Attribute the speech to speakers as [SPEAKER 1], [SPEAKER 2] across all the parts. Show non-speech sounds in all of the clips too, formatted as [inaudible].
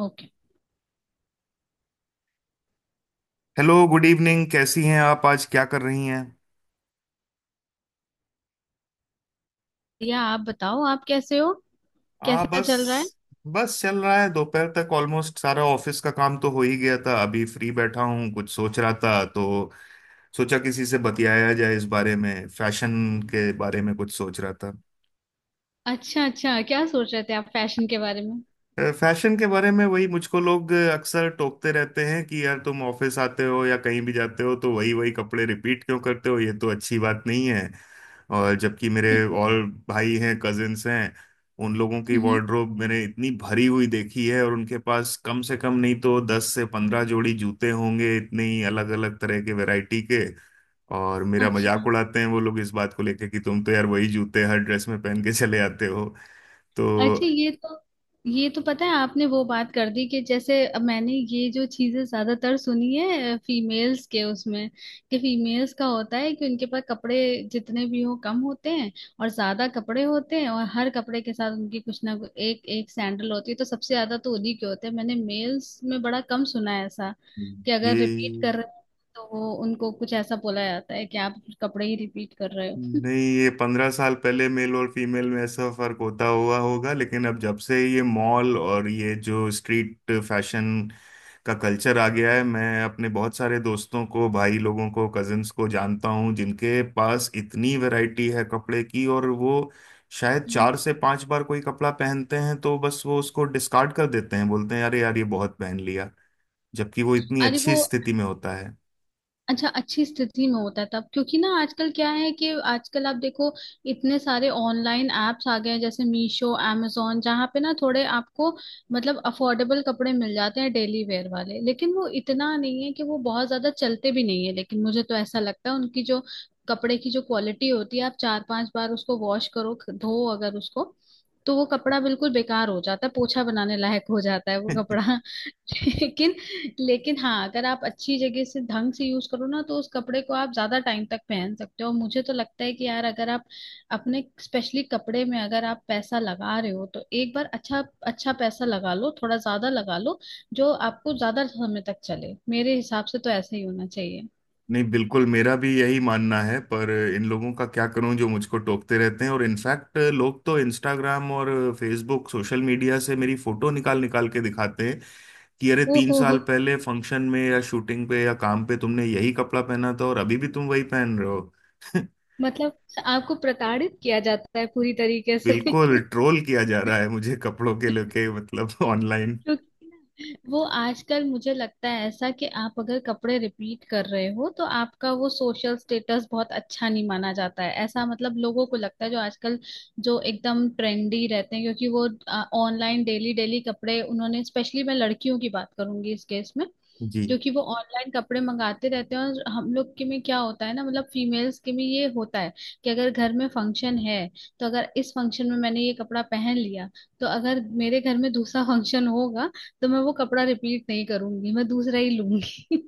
[SPEAKER 1] Okay.
[SPEAKER 2] Hello, good evening. कैसी हैं आप? आज क्या कर रही हैं?
[SPEAKER 1] या आप बताओ आप कैसे हो।
[SPEAKER 2] हाँ,
[SPEAKER 1] कैसा चल रहा है।
[SPEAKER 2] बस बस चल रहा है। दोपहर तक ऑलमोस्ट सारा ऑफिस का काम तो हो ही गया था। अभी फ्री बैठा हूँ, कुछ सोच रहा था, तो सोचा किसी से बतियाया जाए इस बारे में। फैशन के बारे में कुछ सोच रहा था।
[SPEAKER 1] अच्छा अच्छा क्या सोच रहे थे आप फैशन के बारे में।
[SPEAKER 2] फैशन के बारे में वही, मुझको लोग अक्सर टोकते रहते हैं कि यार, तुम ऑफिस आते हो या कहीं भी जाते हो तो वही वही कपड़े रिपीट क्यों करते हो, ये तो अच्छी बात नहीं है। और जबकि मेरे
[SPEAKER 1] [laughs]
[SPEAKER 2] और भाई हैं, कजिन्स हैं। उन लोगों की
[SPEAKER 1] हम्म।
[SPEAKER 2] वार्डरोब मैंने इतनी भरी हुई देखी है और उनके पास कम से कम नहीं तो 10 से 15 जोड़ी जूते होंगे, इतनी अलग अलग तरह के वैरायटी के। और मेरा
[SPEAKER 1] अच्छा
[SPEAKER 2] मजाक उड़ाते हैं वो लोग इस बात को लेके कि तुम तो यार वही जूते हर ड्रेस में पहन के चले आते हो।
[SPEAKER 1] अच्छा
[SPEAKER 2] तो
[SPEAKER 1] ये तो पता है आपने वो बात कर दी कि जैसे अब मैंने ये जो चीजें ज्यादातर सुनी है फीमेल्स के उसमें कि फीमेल्स का होता है कि उनके पास कपड़े जितने भी हो कम होते हैं और ज्यादा कपड़े होते हैं और हर कपड़े के साथ उनकी कुछ ना कुछ एक एक सैंडल होती है तो सबसे ज्यादा तो उन्हीं के होते हैं। मैंने मेल्स में बड़ा कम सुना है ऐसा कि अगर
[SPEAKER 2] ये
[SPEAKER 1] रिपीट कर रहे हो तो वो उनको कुछ ऐसा बोला जाता है कि आप कपड़े ही रिपीट कर रहे हो।
[SPEAKER 2] नहीं,
[SPEAKER 1] [laughs]
[SPEAKER 2] ये 15 साल पहले मेल और फीमेल में ऐसा फर्क होता हुआ होगा, लेकिन अब जब से ये मॉल और ये जो स्ट्रीट फैशन का कल्चर आ गया है, मैं अपने बहुत सारे दोस्तों को, भाई लोगों को, कजिन्स को जानता हूँ जिनके पास इतनी वैरायटी है कपड़े की, और वो शायद
[SPEAKER 1] हम्म।
[SPEAKER 2] 4 से 5 बार कोई कपड़ा पहनते हैं तो बस वो उसको डिस्कार्ड कर देते हैं, बोलते हैं अरे यार, ये बहुत पहन लिया। जबकि वो इतनी
[SPEAKER 1] अरे
[SPEAKER 2] अच्छी
[SPEAKER 1] वो
[SPEAKER 2] स्थिति में होता है।
[SPEAKER 1] अच्छा अच्छी स्थिति में होता है तब क्योंकि ना आजकल क्या है कि आजकल आप देखो इतने सारे ऑनलाइन एप्स आ गए हैं जैसे मीशो amazon जहाँ पे ना थोड़े आपको मतलब अफोर्डेबल कपड़े मिल जाते हैं डेली वेयर वाले। लेकिन वो इतना नहीं है कि वो बहुत ज्यादा चलते भी नहीं है। लेकिन मुझे तो ऐसा लगता है उनकी जो कपड़े की जो क्वालिटी होती है आप चार पांच बार उसको वॉश करो धो अगर उसको तो वो कपड़ा बिल्कुल बेकार हो जाता है पोछा बनाने लायक हो जाता है वो
[SPEAKER 2] [laughs]
[SPEAKER 1] कपड़ा। [laughs] लेकिन लेकिन हाँ अगर आप अच्छी जगह से ढंग से यूज करो ना तो उस कपड़े को आप ज्यादा टाइम तक पहन सकते हो। मुझे तो लगता है कि यार अगर आप अपने स्पेशली कपड़े में अगर आप पैसा लगा रहे हो तो एक बार अच्छा अच्छा पैसा लगा लो थोड़ा ज्यादा लगा लो जो आपको ज्यादा समय तक चले। मेरे हिसाब से तो ऐसे ही होना चाहिए।
[SPEAKER 2] नहीं, बिल्कुल, मेरा भी यही मानना है, पर इन लोगों का क्या करूं जो मुझको टोकते रहते हैं। और इनफैक्ट लोग तो इंस्टाग्राम और फेसबुक सोशल मीडिया से मेरी फोटो निकाल निकाल के दिखाते हैं कि अरे, तीन
[SPEAKER 1] ओहो।
[SPEAKER 2] साल पहले फंक्शन में या शूटिंग पे या काम पे तुमने यही कपड़ा पहना था और अभी भी तुम वही पहन रहे हो। [laughs]
[SPEAKER 1] मतलब आपको प्रताड़ित किया जाता है पूरी तरीके से।
[SPEAKER 2] बिल्कुल
[SPEAKER 1] [laughs]
[SPEAKER 2] ट्रोल किया जा रहा है मुझे, कपड़ों के लेके, मतलब ऑनलाइन।
[SPEAKER 1] क्योंकि ना, वो आजकल मुझे लगता है ऐसा कि आप अगर कपड़े रिपीट कर रहे हो तो आपका वो सोशल स्टेटस बहुत अच्छा नहीं माना जाता है ऐसा मतलब लोगों को लगता है जो आजकल जो एकदम ट्रेंडी रहते हैं क्योंकि वो ऑनलाइन डेली डेली कपड़े उन्होंने स्पेशली मैं लड़कियों की बात करूंगी इस केस में
[SPEAKER 2] जी,
[SPEAKER 1] क्योंकि वो ऑनलाइन कपड़े मंगाते रहते हैं। और हम लोग के में क्या होता है ना मतलब फीमेल्स के में ये होता है कि अगर घर में फंक्शन है तो अगर इस फंक्शन में मैंने ये कपड़ा पहन लिया तो अगर मेरे घर में दूसरा [laughs] फंक्शन होगा तो मैं वो कपड़ा रिपीट नहीं करूंगी मैं दूसरा ही लूंगी।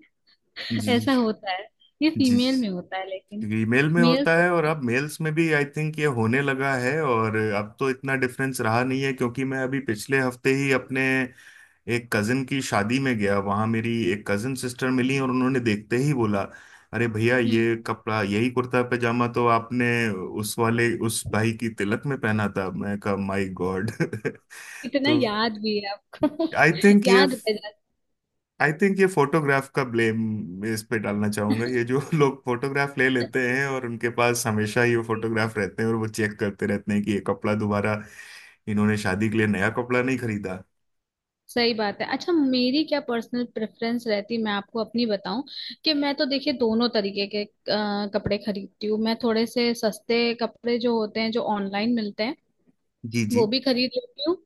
[SPEAKER 1] [laughs]
[SPEAKER 2] जी,
[SPEAKER 1] ऐसा होता है ये
[SPEAKER 2] जी।
[SPEAKER 1] फीमेल में होता है लेकिन
[SPEAKER 2] ईमेल में होता
[SPEAKER 1] मेल्स।
[SPEAKER 2] है और अब मेल्स में भी आई थिंक ये होने लगा है, और अब तो इतना डिफरेंस रहा नहीं है, क्योंकि मैं अभी पिछले हफ्ते ही अपने एक कजिन की शादी में गया। वहां मेरी एक कजिन सिस्टर मिली और उन्होंने देखते ही बोला, अरे भैया,
[SPEAKER 1] हम्म।
[SPEAKER 2] ये कपड़ा, यही कुर्ता पैजामा तो आपने उस वाले उस भाई की तिलक में पहना था। मैं कहा माय गॉड। [laughs]
[SPEAKER 1] इतना
[SPEAKER 2] तो
[SPEAKER 1] याद भी है आपको।
[SPEAKER 2] आई
[SPEAKER 1] [laughs]
[SPEAKER 2] थिंक ये
[SPEAKER 1] याद रह जाता
[SPEAKER 2] फोटोग्राफ का ब्लेम इस पे डालना चाहूंगा। ये जो [laughs] लोग फोटोग्राफ ले
[SPEAKER 1] है।
[SPEAKER 2] लेते हैं और उनके पास हमेशा ही वो
[SPEAKER 1] [laughs]
[SPEAKER 2] फोटोग्राफ रहते हैं, और वो चेक करते रहते हैं कि ये कपड़ा दोबारा इन्होंने शादी के लिए नया कपड़ा नहीं खरीदा।
[SPEAKER 1] सही बात है। अच्छा मेरी क्या पर्सनल प्रेफरेंस रहती मैं आपको अपनी बताऊं कि मैं तो देखिए दोनों तरीके के कपड़े खरीदती हूँ। मैं थोड़े से सस्ते कपड़े जो होते हैं जो ऑनलाइन मिलते हैं
[SPEAKER 2] जी,
[SPEAKER 1] वो
[SPEAKER 2] जी,
[SPEAKER 1] भी खरीद लेती हूँ।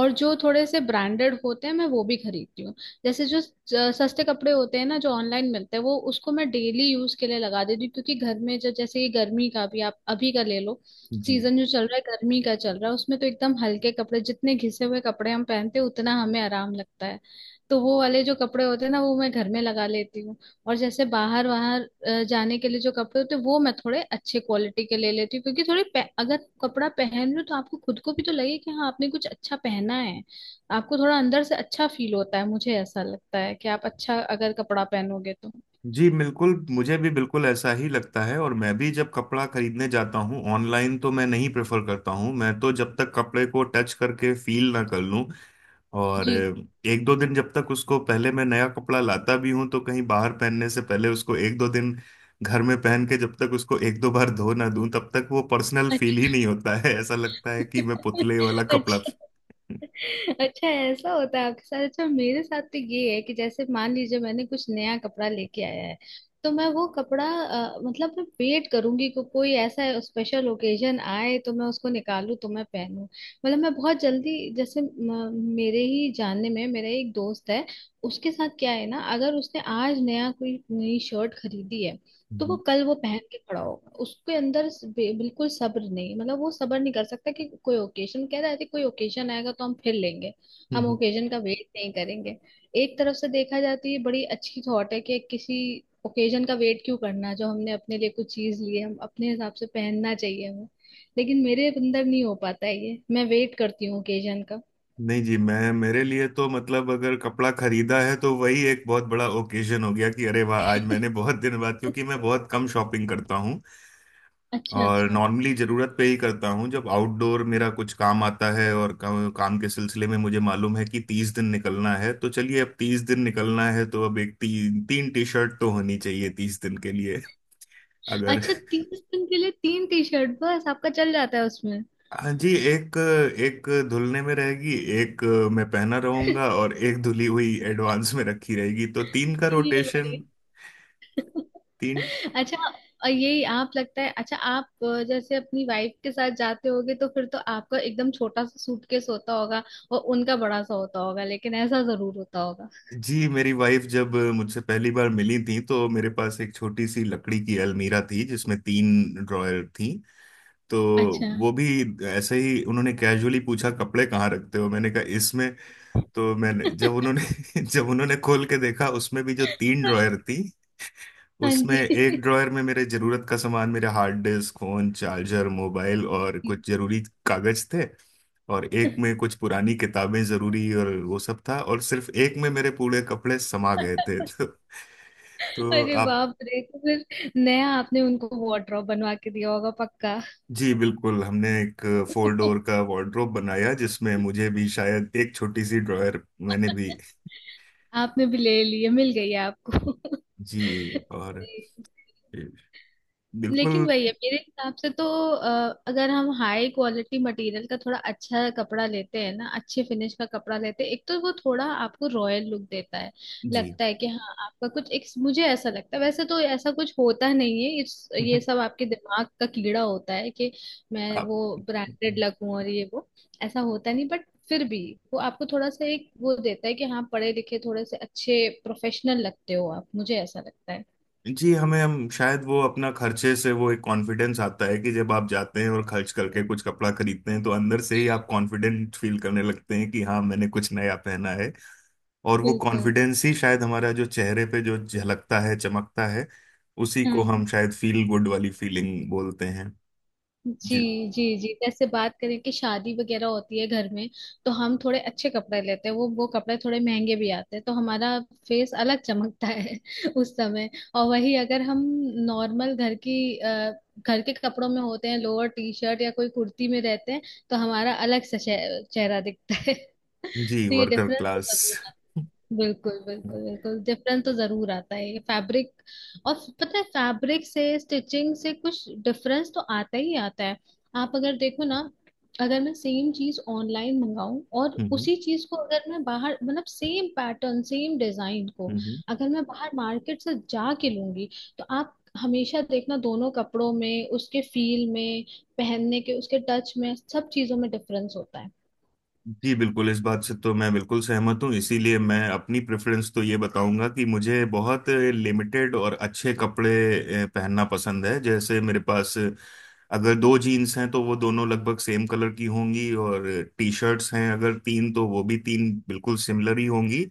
[SPEAKER 1] और जो थोड़े से ब्रांडेड होते हैं मैं वो भी खरीदती हूँ। जैसे जो सस्ते कपड़े होते हैं ना जो ऑनलाइन मिलते हैं वो उसको मैं डेली यूज के लिए लगा देती हूँ क्योंकि घर में जो जैसे ये गर्मी का भी आप अभी का ले लो
[SPEAKER 2] जी,
[SPEAKER 1] सीजन जो चल रहा है गर्मी का चल रहा है उसमें तो एकदम हल्के कपड़े जितने घिसे हुए कपड़े हम पहनते हैं उतना हमें आराम लगता है। तो वो वाले जो कपड़े होते हैं ना वो मैं घर में लगा लेती हूँ। और जैसे बाहर बाहर जाने के लिए जो कपड़े होते हैं वो मैं थोड़े अच्छे क्वालिटी के ले लेती हूँ क्योंकि थोड़े अगर कपड़ा पहन लूँ तो आपको खुद को भी तो लगे कि हाँ आपने कुछ अच्छा पहना है। आपको थोड़ा अंदर से अच्छा फील होता है। मुझे ऐसा लगता है कि आप अच्छा अगर कपड़ा पहनोगे तो।
[SPEAKER 2] जी, बिल्कुल, मुझे भी बिल्कुल ऐसा ही लगता है। और मैं भी जब कपड़ा खरीदने जाता हूँ ऑनलाइन, तो मैं नहीं प्रेफर करता हूँ। मैं तो जब तक कपड़े को टच करके फील ना कर लूँ, और
[SPEAKER 1] जी।
[SPEAKER 2] एक दो दिन, जब तक उसको पहले, मैं नया कपड़ा लाता भी हूं तो कहीं बाहर पहनने से पहले उसको एक दो दिन घर में पहन के जब तक उसको एक दो बार धो ना दूं, तब तक वो पर्सनल फील ही
[SPEAKER 1] अच्छा।
[SPEAKER 2] नहीं होता है। ऐसा लगता है कि मैं
[SPEAKER 1] [laughs]
[SPEAKER 2] पुतले वाला कपड़ा।
[SPEAKER 1] अच्छा अच्छा ऐसा होता है आपके साथ। अच्छा मेरे साथ तो ये है कि जैसे मान लीजिए मैंने कुछ नया कपड़ा लेके आया है तो मैं वो कपड़ा मतलब मैं वेट करूंगी कि कोई ऐसा स्पेशल ओकेजन आए तो मैं उसको निकालूं तो मैं पहनूं। मतलब मैं बहुत जल्दी जैसे मेरे ही जानने में मेरा एक दोस्त है उसके साथ क्या है ना अगर उसने आज नया कोई नई शर्ट खरीदी है तो वो
[SPEAKER 2] हम्म।
[SPEAKER 1] कल वो पहन के खड़ा होगा उसके अंदर बिल्कुल सब्र नहीं मतलब वो सब्र नहीं कर सकता कि कोई ओकेजन कह रहा है कि कोई ओकेजन आएगा तो हम फिर लेंगे हम
[SPEAKER 2] हम्म।
[SPEAKER 1] ओकेजन का वेट नहीं करेंगे। एक तरफ से देखा जाती है बड़ी अच्छी थॉट है कि किसी ओकेजन का वेट क्यों करना जो हमने अपने लिए कुछ चीज ली है हम अपने हिसाब से पहनना चाहिए हमें। लेकिन मेरे अंदर नहीं हो पाता है ये मैं वेट करती हूँ ओकेजन का।
[SPEAKER 2] नहीं जी, मैं मेरे लिए तो मतलब अगर कपड़ा खरीदा है तो वही एक बहुत बड़ा ओकेजन हो गया कि अरे वाह, आज मैंने
[SPEAKER 1] [laughs]
[SPEAKER 2] बहुत दिन बाद, क्योंकि मैं बहुत कम शॉपिंग करता हूँ
[SPEAKER 1] अच्छा
[SPEAKER 2] और
[SPEAKER 1] अच्छा।
[SPEAKER 2] नॉर्मली जरूरत पे ही करता हूँ, जब आउटडोर मेरा कुछ काम आता है। और काम के सिलसिले में मुझे मालूम है कि 30 दिन निकलना है, तो चलिए, अब 30 दिन निकलना है तो अब 3 टी शर्ट तो होनी चाहिए 30 दिन के लिए। अगर,
[SPEAKER 1] अच्छा 30 दिन के लिए 3 टी शर्ट बस आपका चल जाता है उसमें।
[SPEAKER 2] हाँ जी, एक एक धुलने में रहेगी, एक मैं पहना
[SPEAKER 1] [laughs]
[SPEAKER 2] रहूंगा और एक धुली हुई एडवांस में रखी रहेगी, तो तीन का
[SPEAKER 1] ये
[SPEAKER 2] रोटेशन
[SPEAKER 1] बड़ी।
[SPEAKER 2] तीन।
[SPEAKER 1] अच्छा और ये आप लगता है अच्छा आप जैसे अपनी वाइफ के साथ जाते होगे तो फिर तो आपका एकदम छोटा सा सूटकेस होता होगा और उनका बड़ा सा होता होगा लेकिन ऐसा जरूर होता होगा।
[SPEAKER 2] जी, मेरी वाइफ जब मुझसे पहली बार मिली थी, तो मेरे पास एक छोटी सी लकड़ी की अलमीरा थी जिसमें 3 ड्रॉयर थी। तो
[SPEAKER 1] अच्छा।
[SPEAKER 2] वो भी, ऐसे ही उन्होंने कैजुअली पूछा कपड़े कहाँ रखते हो, मैंने कहा इसमें। तो मैंने, जब
[SPEAKER 1] [laughs]
[SPEAKER 2] उन्होंने [laughs] जब उन्होंने खोल के देखा, उसमें भी जो 3 ड्रॉयर थी,
[SPEAKER 1] हाँ
[SPEAKER 2] उसमें एक
[SPEAKER 1] जी।
[SPEAKER 2] ड्रॉयर में मेरे जरूरत का सामान, मेरे hard disk, phone charger, mobile और कुछ जरूरी कागज थे। और एक
[SPEAKER 1] [laughs]
[SPEAKER 2] में कुछ पुरानी किताबें, जरूरी और वो सब था। और सिर्फ एक में मेरे पूरे कपड़े समा गए थे। [laughs] तो
[SPEAKER 1] अरे
[SPEAKER 2] आप,
[SPEAKER 1] बाप रे। तो फिर नया आपने उनको वार्डरोब बनवा के दिया होगा पक्का।
[SPEAKER 2] जी बिल्कुल, हमने एक 4 डोर
[SPEAKER 1] [laughs]
[SPEAKER 2] का वार्डरोब बनाया जिसमें मुझे भी शायद एक छोटी सी ड्रॉयर, मैंने भी।
[SPEAKER 1] आपने भी ले लिए मिल गई आपको।
[SPEAKER 2] जी। और
[SPEAKER 1] [laughs]
[SPEAKER 2] बिल्कुल।
[SPEAKER 1] लेकिन वही है मेरे हिसाब से तो अ, अगर हम हाई क्वालिटी मटेरियल का थोड़ा अच्छा कपड़ा लेते हैं ना अच्छे फिनिश का कपड़ा लेते हैं एक तो वो थोड़ा आपको रॉयल लुक देता है।
[SPEAKER 2] जी।
[SPEAKER 1] लगता है कि हाँ आपका कुछ एक मुझे ऐसा लगता है वैसे तो ऐसा कुछ होता नहीं है इस ये
[SPEAKER 2] [laughs]
[SPEAKER 1] सब आपके दिमाग का कीड़ा होता है कि मैं वो
[SPEAKER 2] आप,
[SPEAKER 1] ब्रांडेड लगूं और ये वो ऐसा होता नहीं। बट फिर भी वो आपको थोड़ा सा एक वो देता है कि हाँ पढ़े लिखे थोड़े से अच्छे प्रोफेशनल लगते हो आप मुझे ऐसा लगता है।
[SPEAKER 2] जी, हमें, हम शायद वो अपना खर्चे से वो एक कॉन्फिडेंस आता है कि जब आप जाते हैं और खर्च करके कुछ कपड़ा खरीदते हैं तो अंदर से ही आप कॉन्फिडेंट फील करने लगते हैं कि हाँ, मैंने कुछ नया पहना है। और वो
[SPEAKER 1] बिल्कुल।
[SPEAKER 2] कॉन्फिडेंस ही शायद हमारा जो चेहरे पे जो झलकता है, चमकता है, उसी को
[SPEAKER 1] हाँ।
[SPEAKER 2] हम शायद फील गुड वाली फीलिंग बोलते हैं।
[SPEAKER 1] जी।
[SPEAKER 2] जी।
[SPEAKER 1] जी जी जैसे बात करें कि शादी वगैरह होती है घर में तो हम थोड़े अच्छे कपड़े लेते हैं वो कपड़े थोड़े महंगे भी आते हैं तो हमारा फेस अलग चमकता है। [laughs] उस समय। और वही अगर हम नॉर्मल घर की घर के कपड़ों में होते हैं लोअर टी शर्ट या कोई कुर्ती में रहते हैं तो हमारा अलग सा चेहरा दिखता है।
[SPEAKER 2] जी,
[SPEAKER 1] तो ये
[SPEAKER 2] वर्कर
[SPEAKER 1] डिफरेंस तो
[SPEAKER 2] क्लास।
[SPEAKER 1] जरूर आता
[SPEAKER 2] [laughs]
[SPEAKER 1] है। बिल्कुल
[SPEAKER 2] हम्म,
[SPEAKER 1] बिल्कुल बिल्कुल डिफरेंस तो जरूर आता है ये फैब्रिक और पता है फैब्रिक से स्टिचिंग से कुछ डिफरेंस तो आता ही आता है। आप अगर देखो ना अगर मैं सेम चीज ऑनलाइन मंगाऊं और
[SPEAKER 2] हम्म,
[SPEAKER 1] उसी चीज को अगर मैं बाहर मतलब सेम पैटर्न सेम डिजाइन को
[SPEAKER 2] हम्म,
[SPEAKER 1] अगर मैं बाहर मार्केट से जाके लूंगी तो आप हमेशा देखना दोनों कपड़ों में उसके फील में पहनने के उसके टच में सब चीजों में डिफरेंस होता
[SPEAKER 2] जी बिल्कुल, इस बात से तो मैं बिल्कुल सहमत हूँ। इसीलिए मैं अपनी प्रेफरेंस तो ये बताऊंगा कि मुझे बहुत लिमिटेड और अच्छे कपड़े पहनना पसंद है। जैसे, मेरे पास अगर 2 जीन्स हैं तो वो दोनों लगभग सेम कलर की होंगी, और टी शर्ट्स हैं अगर तीन, तो वो भी तीन बिल्कुल सिमिलर ही होंगी।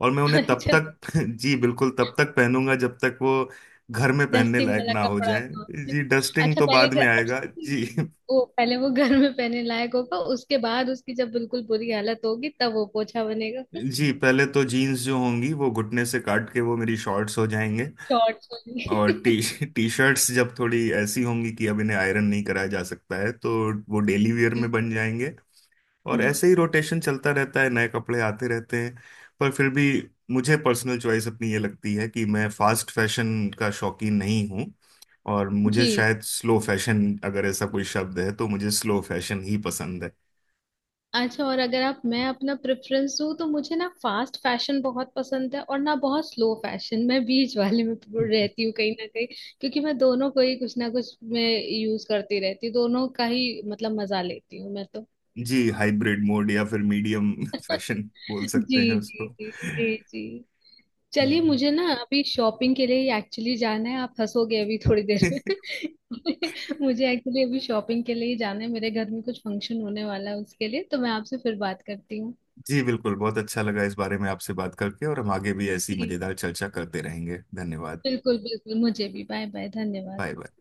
[SPEAKER 2] और मैं उन्हें तब
[SPEAKER 1] है।
[SPEAKER 2] तक
[SPEAKER 1] [laughs]
[SPEAKER 2] [laughs] जी बिल्कुल, तब तक पहनूंगा जब तक वो घर में पहनने
[SPEAKER 1] डस्टिंग
[SPEAKER 2] लायक
[SPEAKER 1] वाला
[SPEAKER 2] ना हो
[SPEAKER 1] कपड़ा
[SPEAKER 2] जाए।
[SPEAKER 1] था।
[SPEAKER 2] जी, डस्टिंग
[SPEAKER 1] अच्छा
[SPEAKER 2] तो
[SPEAKER 1] पहले
[SPEAKER 2] बाद
[SPEAKER 1] घर
[SPEAKER 2] में आएगा
[SPEAKER 1] अच्छा
[SPEAKER 2] जी। [laughs]
[SPEAKER 1] वो पहले वो घर में पहनने लायक होगा उसके बाद उसकी जब बिल्कुल बुरी हालत होगी तब वो पोछा बनेगा।
[SPEAKER 2] जी, पहले तो जीन्स जो होंगी, वो घुटने से काट के वो मेरी शॉर्ट्स हो जाएंगे।
[SPEAKER 1] शॉर्ट्स वाली।
[SPEAKER 2] और टी टी शर्ट्स जब थोड़ी ऐसी होंगी कि अब इन्हें आयरन नहीं कराया जा सकता है, तो वो डेली वेयर में बन जाएंगे। और
[SPEAKER 1] हम्म,
[SPEAKER 2] ऐसे ही रोटेशन चलता रहता है, नए कपड़े आते रहते हैं। पर फिर भी, मुझे पर्सनल चॉइस अपनी ये लगती है कि मैं फास्ट फैशन का शौकीन नहीं हूँ। और मुझे
[SPEAKER 1] जी।
[SPEAKER 2] शायद स्लो फैशन, अगर ऐसा कोई शब्द है, तो मुझे स्लो फैशन ही पसंद
[SPEAKER 1] अच्छा और अगर आप मैं अपना प्रेफरेंस दूं तो मुझे ना फास्ट फैशन बहुत पसंद है और ना बहुत स्लो फैशन मैं बीच वाले में
[SPEAKER 2] है।
[SPEAKER 1] रहती हूँ कहीं ना कहीं क्योंकि मैं दोनों को ही कुछ ना कुछ मैं यूज करती रहती हूँ दोनों का ही मतलब मजा लेती हूँ मैं तो।
[SPEAKER 2] जी, हाइब्रिड मोड या फिर मीडियम फैशन बोल
[SPEAKER 1] जी
[SPEAKER 2] सकते हैं
[SPEAKER 1] जी
[SPEAKER 2] उसको।
[SPEAKER 1] जी जी जी।
[SPEAKER 2] जी,
[SPEAKER 1] चलिए मुझे ना अभी शॉपिंग के लिए एक्चुअली जाना है आप हंसोगे अभी थोड़ी देर में। [laughs] मुझे एक्चुअली अभी शॉपिंग के लिए ही जाना है मेरे घर में कुछ फंक्शन होने वाला है उसके लिए तो मैं आपसे फिर बात करती हूँ।
[SPEAKER 2] जी, बिल्कुल, बहुत अच्छा लगा इस बारे में आपसे बात करके, और हम आगे भी ऐसी
[SPEAKER 1] जी,
[SPEAKER 2] मजेदार चर्चा करते रहेंगे। धन्यवाद।
[SPEAKER 1] बिल्कुल बिल्कुल मुझे भी बाय बाय धन्यवाद।
[SPEAKER 2] Bye bye.